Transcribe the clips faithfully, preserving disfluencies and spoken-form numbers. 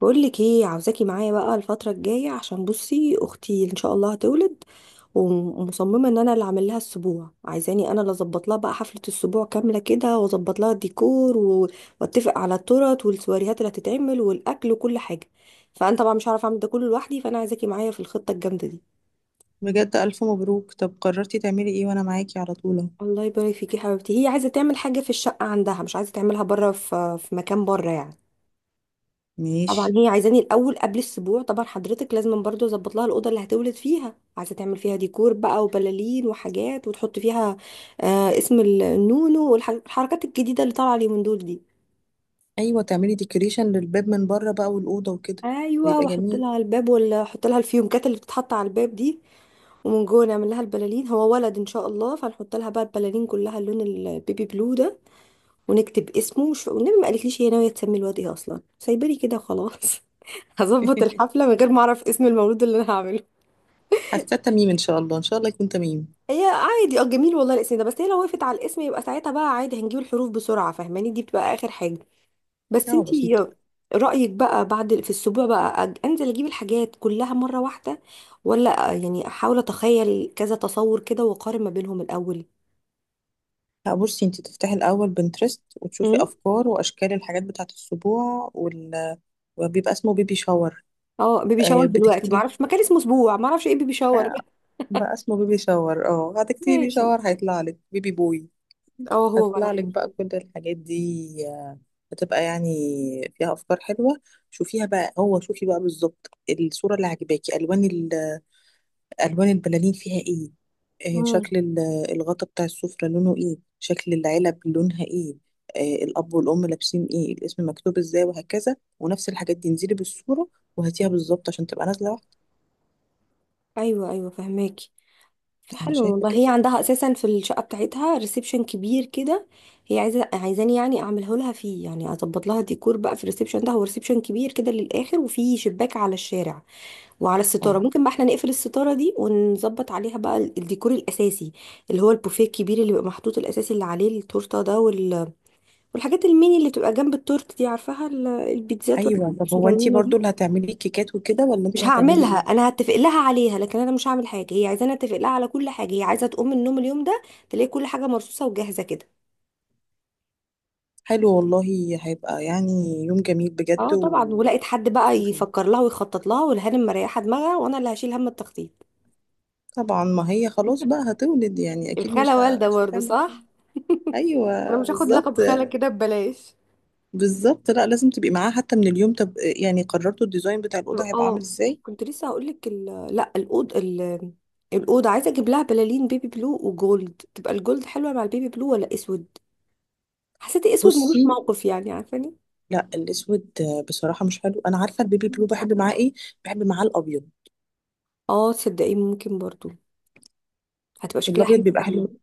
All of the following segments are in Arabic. بقولك ايه؟ عاوزاكي معايا بقى الفترة الجاية عشان بصي اختي ان شاء الله هتولد، ومصممة ان انا اللي اعمل لها السبوع. عايزاني انا اللي اظبط لها بقى حفلة السبوع كاملة كده، واظبط لها الديكور و- واتفق على التورت والسواريهات اللي هتتعمل والاكل وكل حاجة. فانا طبعا مش هعرف اعمل ده كله لوحدي، فانا عايزاكي معايا في الخطة الجامدة دي. بجد ألف مبروك. طب قررتي تعملي ايه؟ وانا معاكي على طول اهو. الله يبارك فيكي يا حبيبتي. هي عايزة تعمل حاجة في الشقة عندها، مش عايزة تعملها بره، في في مكان بره يعني. طبعا ماشي. هي عايزاني الاول قبل السبوع، طبعا حضرتك، لازم برضو اظبط لها الاوضه اللي هتولد فيها. عايزه تعمل فيها ديكور بقى وبلالين وحاجات، وتحط فيها آه اسم النونو والحركات الجديده اللي طالعه اليومين دول دي. ايوه، تعملي ديكوريشن للباب من بره بقى والاوضه وكده. ايوه، بيبقى واحط جميل. لها الباب، ولا احط لها الفيونكات اللي بتتحط على الباب دي. ومن جوه نعمل لها البلالين، هو ولد ان شاء الله، فنحط لها بقى البلالين كلها اللون البيبي بلو ده، ونكتب اسمه وش... والنبي ما قالتليش هي ناويه تسمي الواد ايه اصلا، سايبالي كده خلاص. هظبط الحفله من غير ما اعرف اسم المولود اللي انا هعمله. حاسه تميم، ان شاء الله ان شاء الله يكون تميم. هي عادي، اه جميل والله الاسم ده، بس هي لو وقفت على الاسم يبقى ساعتها بقى عادي، هنجيب الحروف بسرعة، فاهماني؟ دي بتبقى آخر حاجة. بس اه، بسيطه. انتي رأيك بقى بعد في الأسبوع بقى، أج- انزل اجيب الحاجات كلها مرة واحدة، ولا آه، يعني احاول اتخيل كذا تصور كده واقارن ما بينهم الأول؟ لا، بصي انت تفتحي الاول بنترست وتشوفي امم افكار واشكال الحاجات بتاعه السبوع وال... وبيبقى اسمه بيبي شاور. اه، بيبي شاور آه، دلوقتي؟ بتكتبي معرفش مكان اسمه اسبوع، معرفش ايه بيبي شاور. بقى اسمه بيبي شاور. اه، هتكتبي بيبي ماشي. شاور هيطلع لك بيبي بوي. اه هو هطلع لك ولد. بقى كل الحاجات دي، آه، هتبقى يعني فيها افكار حلوه. شوفيها بقى. هو شوفي بقى بالظبط الصوره اللي عجباكي. الوان ال- الوان البلالين فيها ايه؟ آه، امم شكل ال- الغطا بتاع السفره لونه ايه؟ شكل العلب لونها ايه؟ آه، الاب والام لابسين ايه؟ الاسم مكتوب ازاي؟ وهكذا. ونفس الحاجات دي انزلي بالصوره وهاتيها بالظبط عشان تبقى نازله واحده. ايوه ايوه، فهماكي. انا حلو شايفه والله. هي كده. عندها اساسا في الشقه بتاعتها ريسبشن كبير كده. هي عايزه عايزاني يعني اعمله لها فيه، يعني اظبط لها ديكور بقى في الريسبشن ده، هو ريسبشن كبير كده للاخر وفيه شباك على الشارع، وعلى اه، الستاره ممكن بقى احنا نقفل الستاره دي ونظبط عليها بقى ال- الديكور الاساسي، اللي هو البوفيه الكبير اللي بيبقى محطوط الاساسي اللي عليه التورته ده، وال... والحاجات الميني اللي تبقى جنب التورت دي، عارفاها؟ ال- البيتزات والحاجات ايوه. طب هو انتي الصغنونه برضو اللي دي. هتعملي كيكات وكده، ولا مش انتي هتعملي هعملها ايه؟ انا، هتفق لها عليها، لكن انا مش هعمل حاجه. هي عايزاني اتفق لها على كل حاجه، هي عايزه تقوم من النوم اليوم ده تلاقي كل حاجه مرصوصه وجاهزه كده. حلو والله. هيبقى يعني يوم جميل بجد. اه و طبعا، ولقيت حد بقى شوفي. يفكر لها ويخطط لها، والهانم مريحه دماغها، وانا اللي هشيل هم التخطيط. طبعا ما هي خلاص بقى هتولد، يعني اكيد مش الخاله ه... والده مش برضه، هتعمل حاجة. صح؟ انا ايوه مش هاخد لقب بالظبط. خاله كده ببلاش. بالظبط، لا لازم تبقي معاها حتى من اليوم. طب يعني قررتوا الديزاين بتاع الاوضه هيبقى عامل اه، ازاي؟ كنت لسه هقول لك ال... لا الاوض ال- الاوضه عايزه اجيب لها بلالين بيبي بلو وجولد. تبقى الجولد حلوه مع البيبي بلو ولا اسود؟ حسيت اسود ملوش بصي، موقف يعني، عارفاني. لا الاسود بصراحه مش حلو. انا عارفه البيبي بلو بحب معاه ايه؟ بحب معاه الابيض. اه تصدقي ممكن برضو، هتبقى شكلها الابيض حلو بيبقى قوي. حلو،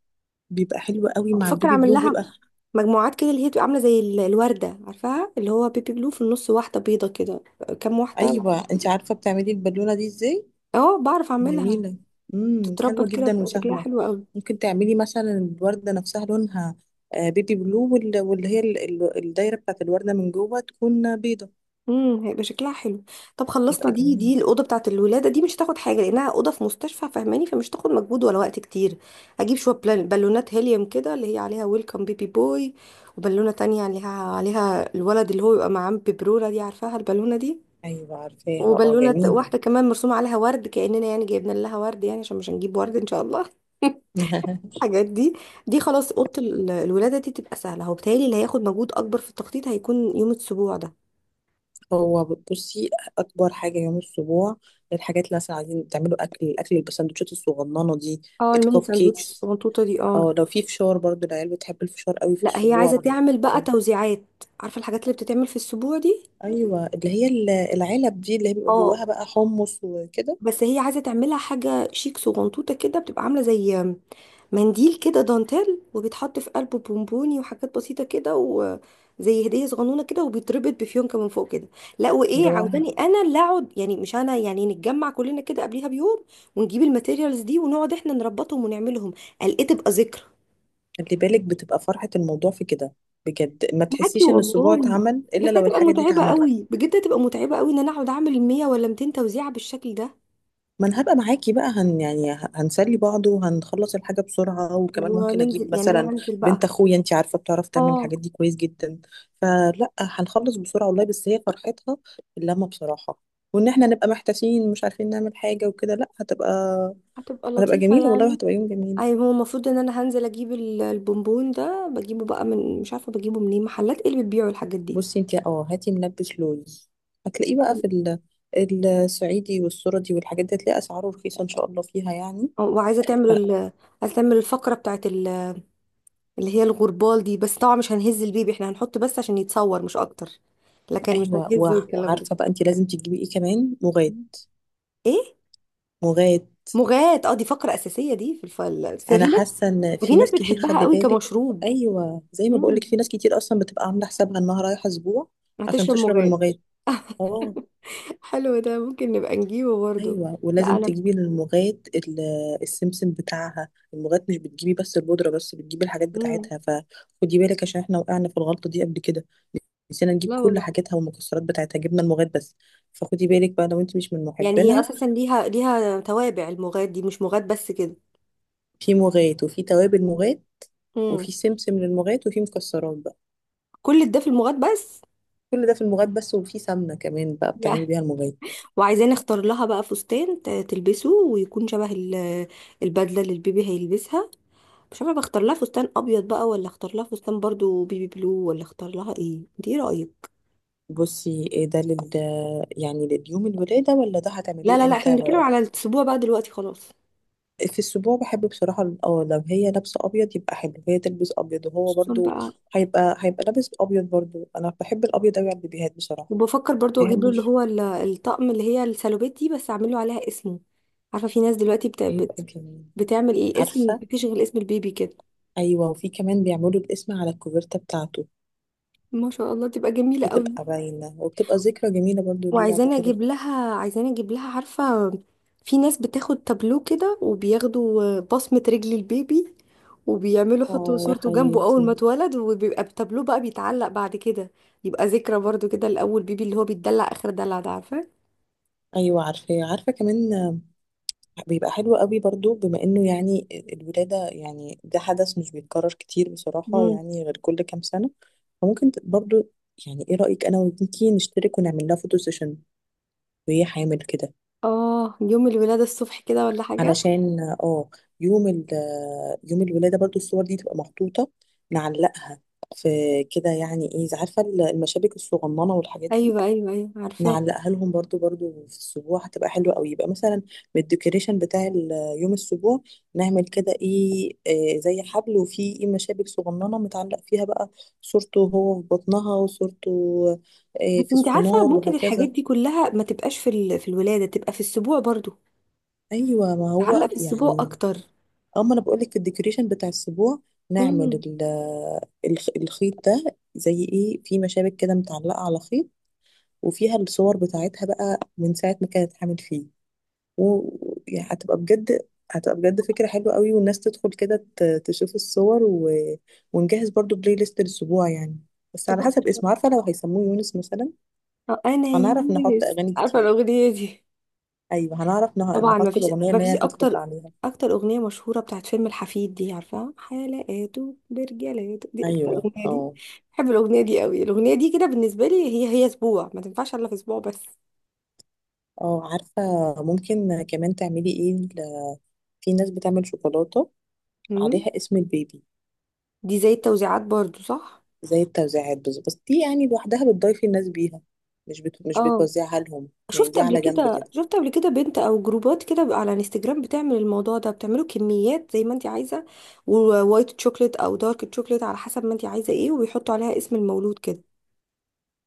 بيبقى حلو قوي مع بفكر البيبي اعمل بلو لها بيبقى. مجموعات كده، اللي هي بتبقى عامله زي ال- الورده، عارفاها؟ اللي هو بيبي بلو في النص، واحده بيضه كده، كام واحده. ايوه، انت عارفه بتعملي البالونه دي ازاي؟ اه بعرف اعملها. جميلة. امم حلوة تتربط كده جدا بيبقى شكلها وسهلة. حلو قوي. ممكن تعملي مثلا الوردة نفسها لونها آه، بيبي بلو، وال- واللي هي ال- ال- الدايرة بتاعت الوردة من جوه تكون بيضة. امم هيبقى شكلها حلو. طب خلصنا. يبقى دي جميل. دي الاوضه بتاعت الولاده دي مش هتاخد حاجه، لانها اوضه في مستشفى، فاهماني؟ فمش هتاخد مجهود ولا وقت كتير. اجيب شويه بلال- بالونات هيليوم كده اللي هي عليها ويلكم بيبي بوي، وبالونه تانية عليها عليها الولد اللي هو يبقى معاه بيبروره دي، عارفاها البالونه دي؟ أيوة عارفاها، اه وبالونة ت- جميلة. واحدة كمان مرسومة عليها ورد، كأننا يعني جايبنا لها ورد يعني، عشان مش هنجيب ورد إن شاء الله. الحاجات دي، دي خلاص أوضة ال- الولادة دي تبقى سهلة. هو بتهيألي اللي هياخد مجهود أكبر في التخطيط هيكون يوم السبوع ده. هو بصي، أكبر حاجة يوم الأسبوع الحاجات اللي مثلا عايزين تعملوا أكل الأكل البسندوتشات الصغننة دي، اه الميني الكب ساندوتش كيكس. الصغنطوطة دي، اه. اه لو في فشار برضو، العيال بتحب الفشار قوي في لا هي الأسبوع. عايزة تعمل بقى توزيعات، عارفة الحاجات اللي بتتعمل في السبوع دي؟ أيوة، اللي هي ال- العلب دي اللي هي بيبقى اه، جواها بقى حمص وكده. بس هي عايزه تعملها حاجه شيك صغنطوطه كده، بتبقى عامله زي منديل كده دانتيل، وبيتحط في قلبه بونبوني وحاجات بسيطه كده، وزي هديه صغنونه كده، وبيتربط بفيونكه من فوق كده. لا وايه، اللي هو عاوزاني انا اللي اقعد؟ يعني مش انا، يعني نتجمع كلنا كده قبليها بيوم ونجيب الماتيريالز دي ونقعد احنا نربطهم ونعملهم، قال ايه تبقى ذكرى. خلي بالك بتبقى فرحة الموضوع في كده، بجد ما معاكي تحسيش ان السبوع والله. اتعمل بس الا لو هتبقى الحاجة دي متعبه اتعملت. قوي بجد، هتبقى متعبه قوي ان انا اقعد اعمل مية ولا مئتين توزيعه بالشكل ده. ما انا هبقى معاكي بقى، هن يعني ه- هنسلي بعض وهنخلص الحاجة بسرعة، وكمان ممكن وننزل اجيب يعني، انا مثلا هنزل بنت بقى. اخويا، انتي عارفة بتعرف تعمل اه الحاجات دي كويس جدا، فلا هنخلص بسرعة والله. بس هي فرحتها اللمة بصراحة، وان احنا نبقى محتاسين مش عارفين نعمل حاجة وكده. لا، هتبقى هتبقى هتبقى لطيفة جميلة والله، يعني. وهتبقى يوم جميل. اي، هو المفروض ان انا هنزل اجيب ال- البونبون ده، بجيبه بقى من، مش عارفة بجيبه منين. محلات ايه اللي بتبيعوا الحاجات دي؟ بصي انت، اه هاتي منبت لوز، هتلاقيه بقى أو- في ال- الصعيدي والسردي والحاجات دي، هتلاقي اسعاره رخيصه ان شاء الله فيها يعني. وعايزة تعمل ف- ال... عايزة تعمل الفقرة بتاعت ال... اللي هي الغربال دي. بس طبعا مش هنهز البيبي، احنا هنحط بس عشان يتصور مش اكتر، لكن مش ايوه، هنهز وع- والكلام ده. وعارفه بقى انت لازم تجيبي ايه كمان؟ مغاد. ايه؟ مغاد، مغات؟ اه دي فقرة اساسية دي، في الفل، في انا ناس، حاسه ان في في ناس ناس كتير، بتحبها خلي قوي بالك. كمشروب. ايوه، زي ما بقولك امم، في ناس كتير اصلا بتبقى عامله حسابها انها رايحه اسبوع عشان هتشرب تشرب مغات. المغاد، اه. حلو ده، ممكن نبقى نجيبه برضه. ايوه، لا ولازم انا. تجيبي الموجات، ال- السمسم بتاعها الموجات، مش بتجيبي بس البودره بس، بتجيبي الحاجات مم. بتاعتها، فخدي بالك عشان احنا وقعنا في الغلطه دي قبل كده، نسينا نجيب لا كل والله. حاجاتها والمكسرات بتاعتها، جبنا الموجات بس. فخدي بالك بقى لو انت مش من يعني هي محبينها. اساسا ليها ليها توابع، المغاد دي مش مغاد بس كده. في موجات، وفي توابل موجات، امم، وفي سمسم للموجات، وفي مكسرات بقى، كل ده في المغاد بس. كل ده في الموجات بس، وفي سمنه كمان بقى بتعملي يعني بيها الموجات. وعايزين نختار لها بقى فستان ت- تلبسه، ويكون شبه ال- البدله اللي البيبي هيلبسها. مش عارفه بختار لها فستان ابيض بقى، ولا اختار لها فستان برضو بيبي بلو، ولا اختار لها ايه، انت ايه رايك؟ بصي، إيه ده؟ لل يعني لليوم الولاده، ولا ده لا هتعملوه لا لا، احنا امتى؟ بنتكلم على الاسبوع بقى دلوقتي خلاص. في السبوع بحب بصراحة، ال- اه لو هي لابسة أبيض يبقى حلو، هي تلبس أبيض وهو خصوصا برضو بقى. هيبقى هيبقى لابس أبيض برضو، أنا بحب الأبيض أوي على البيبيهات بصراحة. وبفكر برضو اجيب له اللي مبحبش. هو ال- الطقم اللي هي السالوبيت دي، بس اعمل له عليها اسمه. عارفه في ناس دلوقتي بت... هيبقى بت... جميل. بتعمل ايه، الاسم، عارفة. بتشغل اسم البيبي كده. أيوة، وفي كمان بيعملوا الاسم على الكوفرتة بتاعته، ما شاء الله تبقى جميله قوي. بتبقى باينة، وبتبقى ذكرى جميلة برضو ليه بعد وعايزاني كده. اجيب لها، عايزاني اجيب لها، عارفه في ناس بتاخد تابلو كده وبياخدوا بصمه رجل البيبي، وبيعملوا يحطوا اه يا صورته جنبه حياتي. اول ما اتولد، وبيبقى التابلو بقى بيتعلق بعد كده. يبقى ذكرى برضو كده لاول بيبي، اللي هو بيتدلع اخر دلع ده عارفه. أيوة عارفة، عارفة كمان. بيبقى حلو قوي برضو، بما انه يعني الولادة يعني ده حدث مش بيتكرر كتير بصراحة، مم. يعني غير كل كام سنة. فممكن ت- برضو، يعني ايه رأيك انا وبنتي نشترك ونعمل لها فوتو سيشن وهي حامل كده، اه يوم الولادة الصبح كده ولا حاجة. علشان اه يوم ال يوم الولادة برضو الصور دي تبقى محطوطة، نعلقها في كده يعني، ايه إذا، عارفة المشابك الصغننة والحاجات دي، ايوه ايوه ايوه، عارفاه. نعلقها لهم برضو برضو في السبوع، هتبقى حلوة قوي. يبقى مثلا من الديكوريشن بتاع ال- آه، يوم السبوع، نعمل كده ايه، آه، زي حبل وفيه ايه مشابك صغننة متعلق فيها بقى صورته وهو في بطنها، وصورته آه، بس في انت عارفه السونار ممكن الحاجات وهكذا. دي كلها ما تبقاش في ال... في الولاده، تبقى في السبوع برضو، ايوه، ما هو تعلق في السبوع يعني اكتر. اما انا بقولك في الديكوريشن بتاع السبوع، نعمل امم، ال- آه، الخ- الخيط ده، زي ايه في مشابك كده متعلقة على خيط، وفيها الصور بتاعتها بقى من ساعة ما كانت حامل فيه. و- يعني هتبقى بجد هتبقى بجد فكرة حلوة قوي، والناس تدخل كده ت- تشوف الصور و... ونجهز برضو بلاي ليست للأسبوع يعني، بس على تبقى في حسب الشهر. اسمه، عارفة لو هيسموه يونس مثلا آه، انا هنعرف نحط يونس، أغاني عارفه كتير. الاغنيه دي. أيوة، هنعرف نه- طبعا، ما نحط فيش، الأغنية ما اللي هي فيش هتدخل اكتر عليها. اكتر اغنيه مشهوره بتاعت فيلم الحفيد دي، عارفه حلقاته برجالاته دي، اكتر أيوة، اغنيه دي. اه بحب الاغنيه دي قوي. الاغنيه دي كده بالنسبه لي هي هي اسبوع، ما تنفعش الا في اسبوع بس. اه عارفة. ممكن كمان تعملي ايه، ل- في ناس بتعمل شوكولاتة امم، عليها اسم البيبي، دي زي التوزيعات برضو، صح؟ زي التوزيعات، بس بس دي يعني لوحدها بتضيفي الناس بيها، مش بت... مش اه بتوزعها لهم، يعني شفت دي قبل على جنب كده، كده. شفت قبل كده بنت او جروبات كده بقى على انستجرام بتعمل الموضوع ده، بتعمله كميات زي ما انت عايزه، ووايت تشوكلت او دارك تشوكلت على حسب ما انت عايزه ايه، وبيحطوا عليها اسم المولود كده.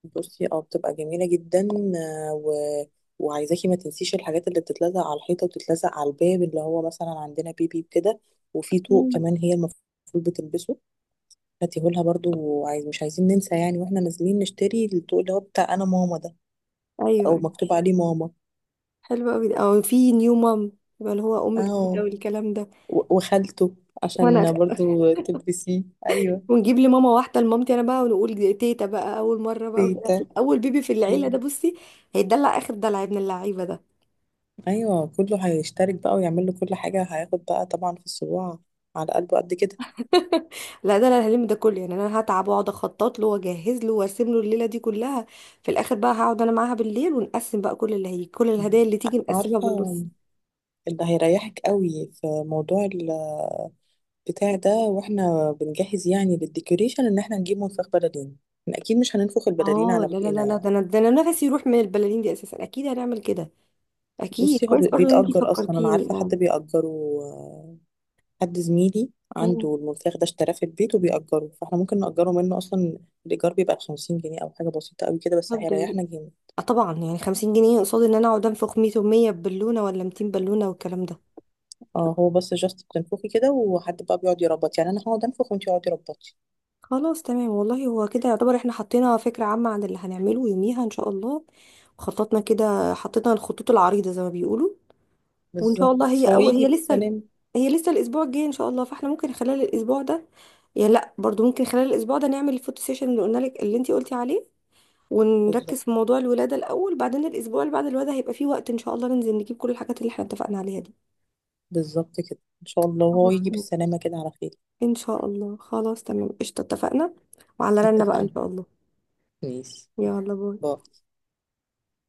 بصي، اه بتبقى جميلة جدا. آه، و... وعايزاكي ما تنسيش الحاجات اللي بتتلزق على الحيطة وتتلزق على الباب، اللي هو مثلا عندنا بيبي كده. وفي طوق مم. كمان هي المفروض بتلبسه، هاتيهولها برضو. وعايز، مش عايزين ننسى يعني، واحنا نازلين نشتري الطوق اللي هو بتاع انا ماما ده، او ايوه مكتوب عليه ماما. حلو قوي ده. او في نيو مام، يبقى اللي هو ام اهو، جديده والكلام ده. و- وخالته، وانا عشان برضو تلبسيه. ايوه. ونجيب لي ماما واحده لمامتي انا بقى، ونقول تيتا بقى اول مره بقى وكده تيتا. عشان اول بيبي في العيله ايوه. ده، بصي. هيدلع اخر دلع ابن اللعيبه ده. أيوة، كله هيشترك بقى ويعمل له كل حاجة، هياخد بقى طبعا في الصباع على قلبه قد كده. لا ده انا هلم ده كله، يعني انا هتعب واقعد اخطط له واجهز له وارسم له الليله دي كلها. في الاخر بقى هقعد انا معاها بالليل، ونقسم بقى كل اللي هي كل الهدايا اللي تيجي نقسمها عارفة، بالنص. اللي هيريحك قوي في موضوع البتاع ده واحنا بنجهز يعني للديكوريشن، ان احنا نجيب منفخ بلالين، احنا اكيد مش هننفخ البلالين اه على لا لا بقنا لا لا، يعني. ده انا ده انا نفسي يروح من البلالين دي اساسا، اكيد هنعمل كده. اكيد بصي، هو كويس بي- برضه ان انتي بيتأجر اصلا، انا فكرتيني، عارفة اه. حد بيأجره، آه، حد زميلي مم. عنده المنفخ ده، اشتراه في البيت وبيأجره، فاحنا ممكن نأجره منه اصلا. الإيجار بيبقى خمسين جنيه، أو حاجة بسيطة قوي كده، بس طب ده يا ريت. هيريحنا جامد. آه طبعا، يعني خمسين جنيه قصاد ان انا اقعد انفخ مية و100 بالونه ولا مئتين بالونه والكلام ده. اه، هو بس جاست بتنفخي كده وحد بقى بيقعد يربط، يعني أنا هقعد أنفخ وأنتي اقعدي ربطي. خلاص تمام والله. هو كده يعتبر احنا حطينا فكرة عامة عن اللي هنعمله يوميها ان شاء الله، وخططنا كده، حطينا الخطوط العريضة زي ما بيقولوا. وان شاء الله بالظبط، هي هو اول، يجي هي لسه بالسلامة. هي لسه الاسبوع الجاي ان شاء الله، فاحنا ممكن خلال الاسبوع ده، يعني لا برضو ممكن خلال الاسبوع ده نعمل الفوتو سيشن اللي قلنا لك، اللي انتي قلتي عليه، بالظبط، ونركز في موضوع الولادة الاول، بعدين الاسبوع اللي بعد الولادة هيبقى فيه وقت ان شاء الله ننزل نجيب كل الحاجات اللي احنا اتفقنا عليها دي. بالظبط كده ان شاء الله، هو خلاص يجي تمام بالسلامة كده على خير. ان شاء الله. خلاص تمام، قشطة، اتفقنا. وعلى رنا بقى ان اتفقنا. شاء الله. ماشي. يلا باي. باي.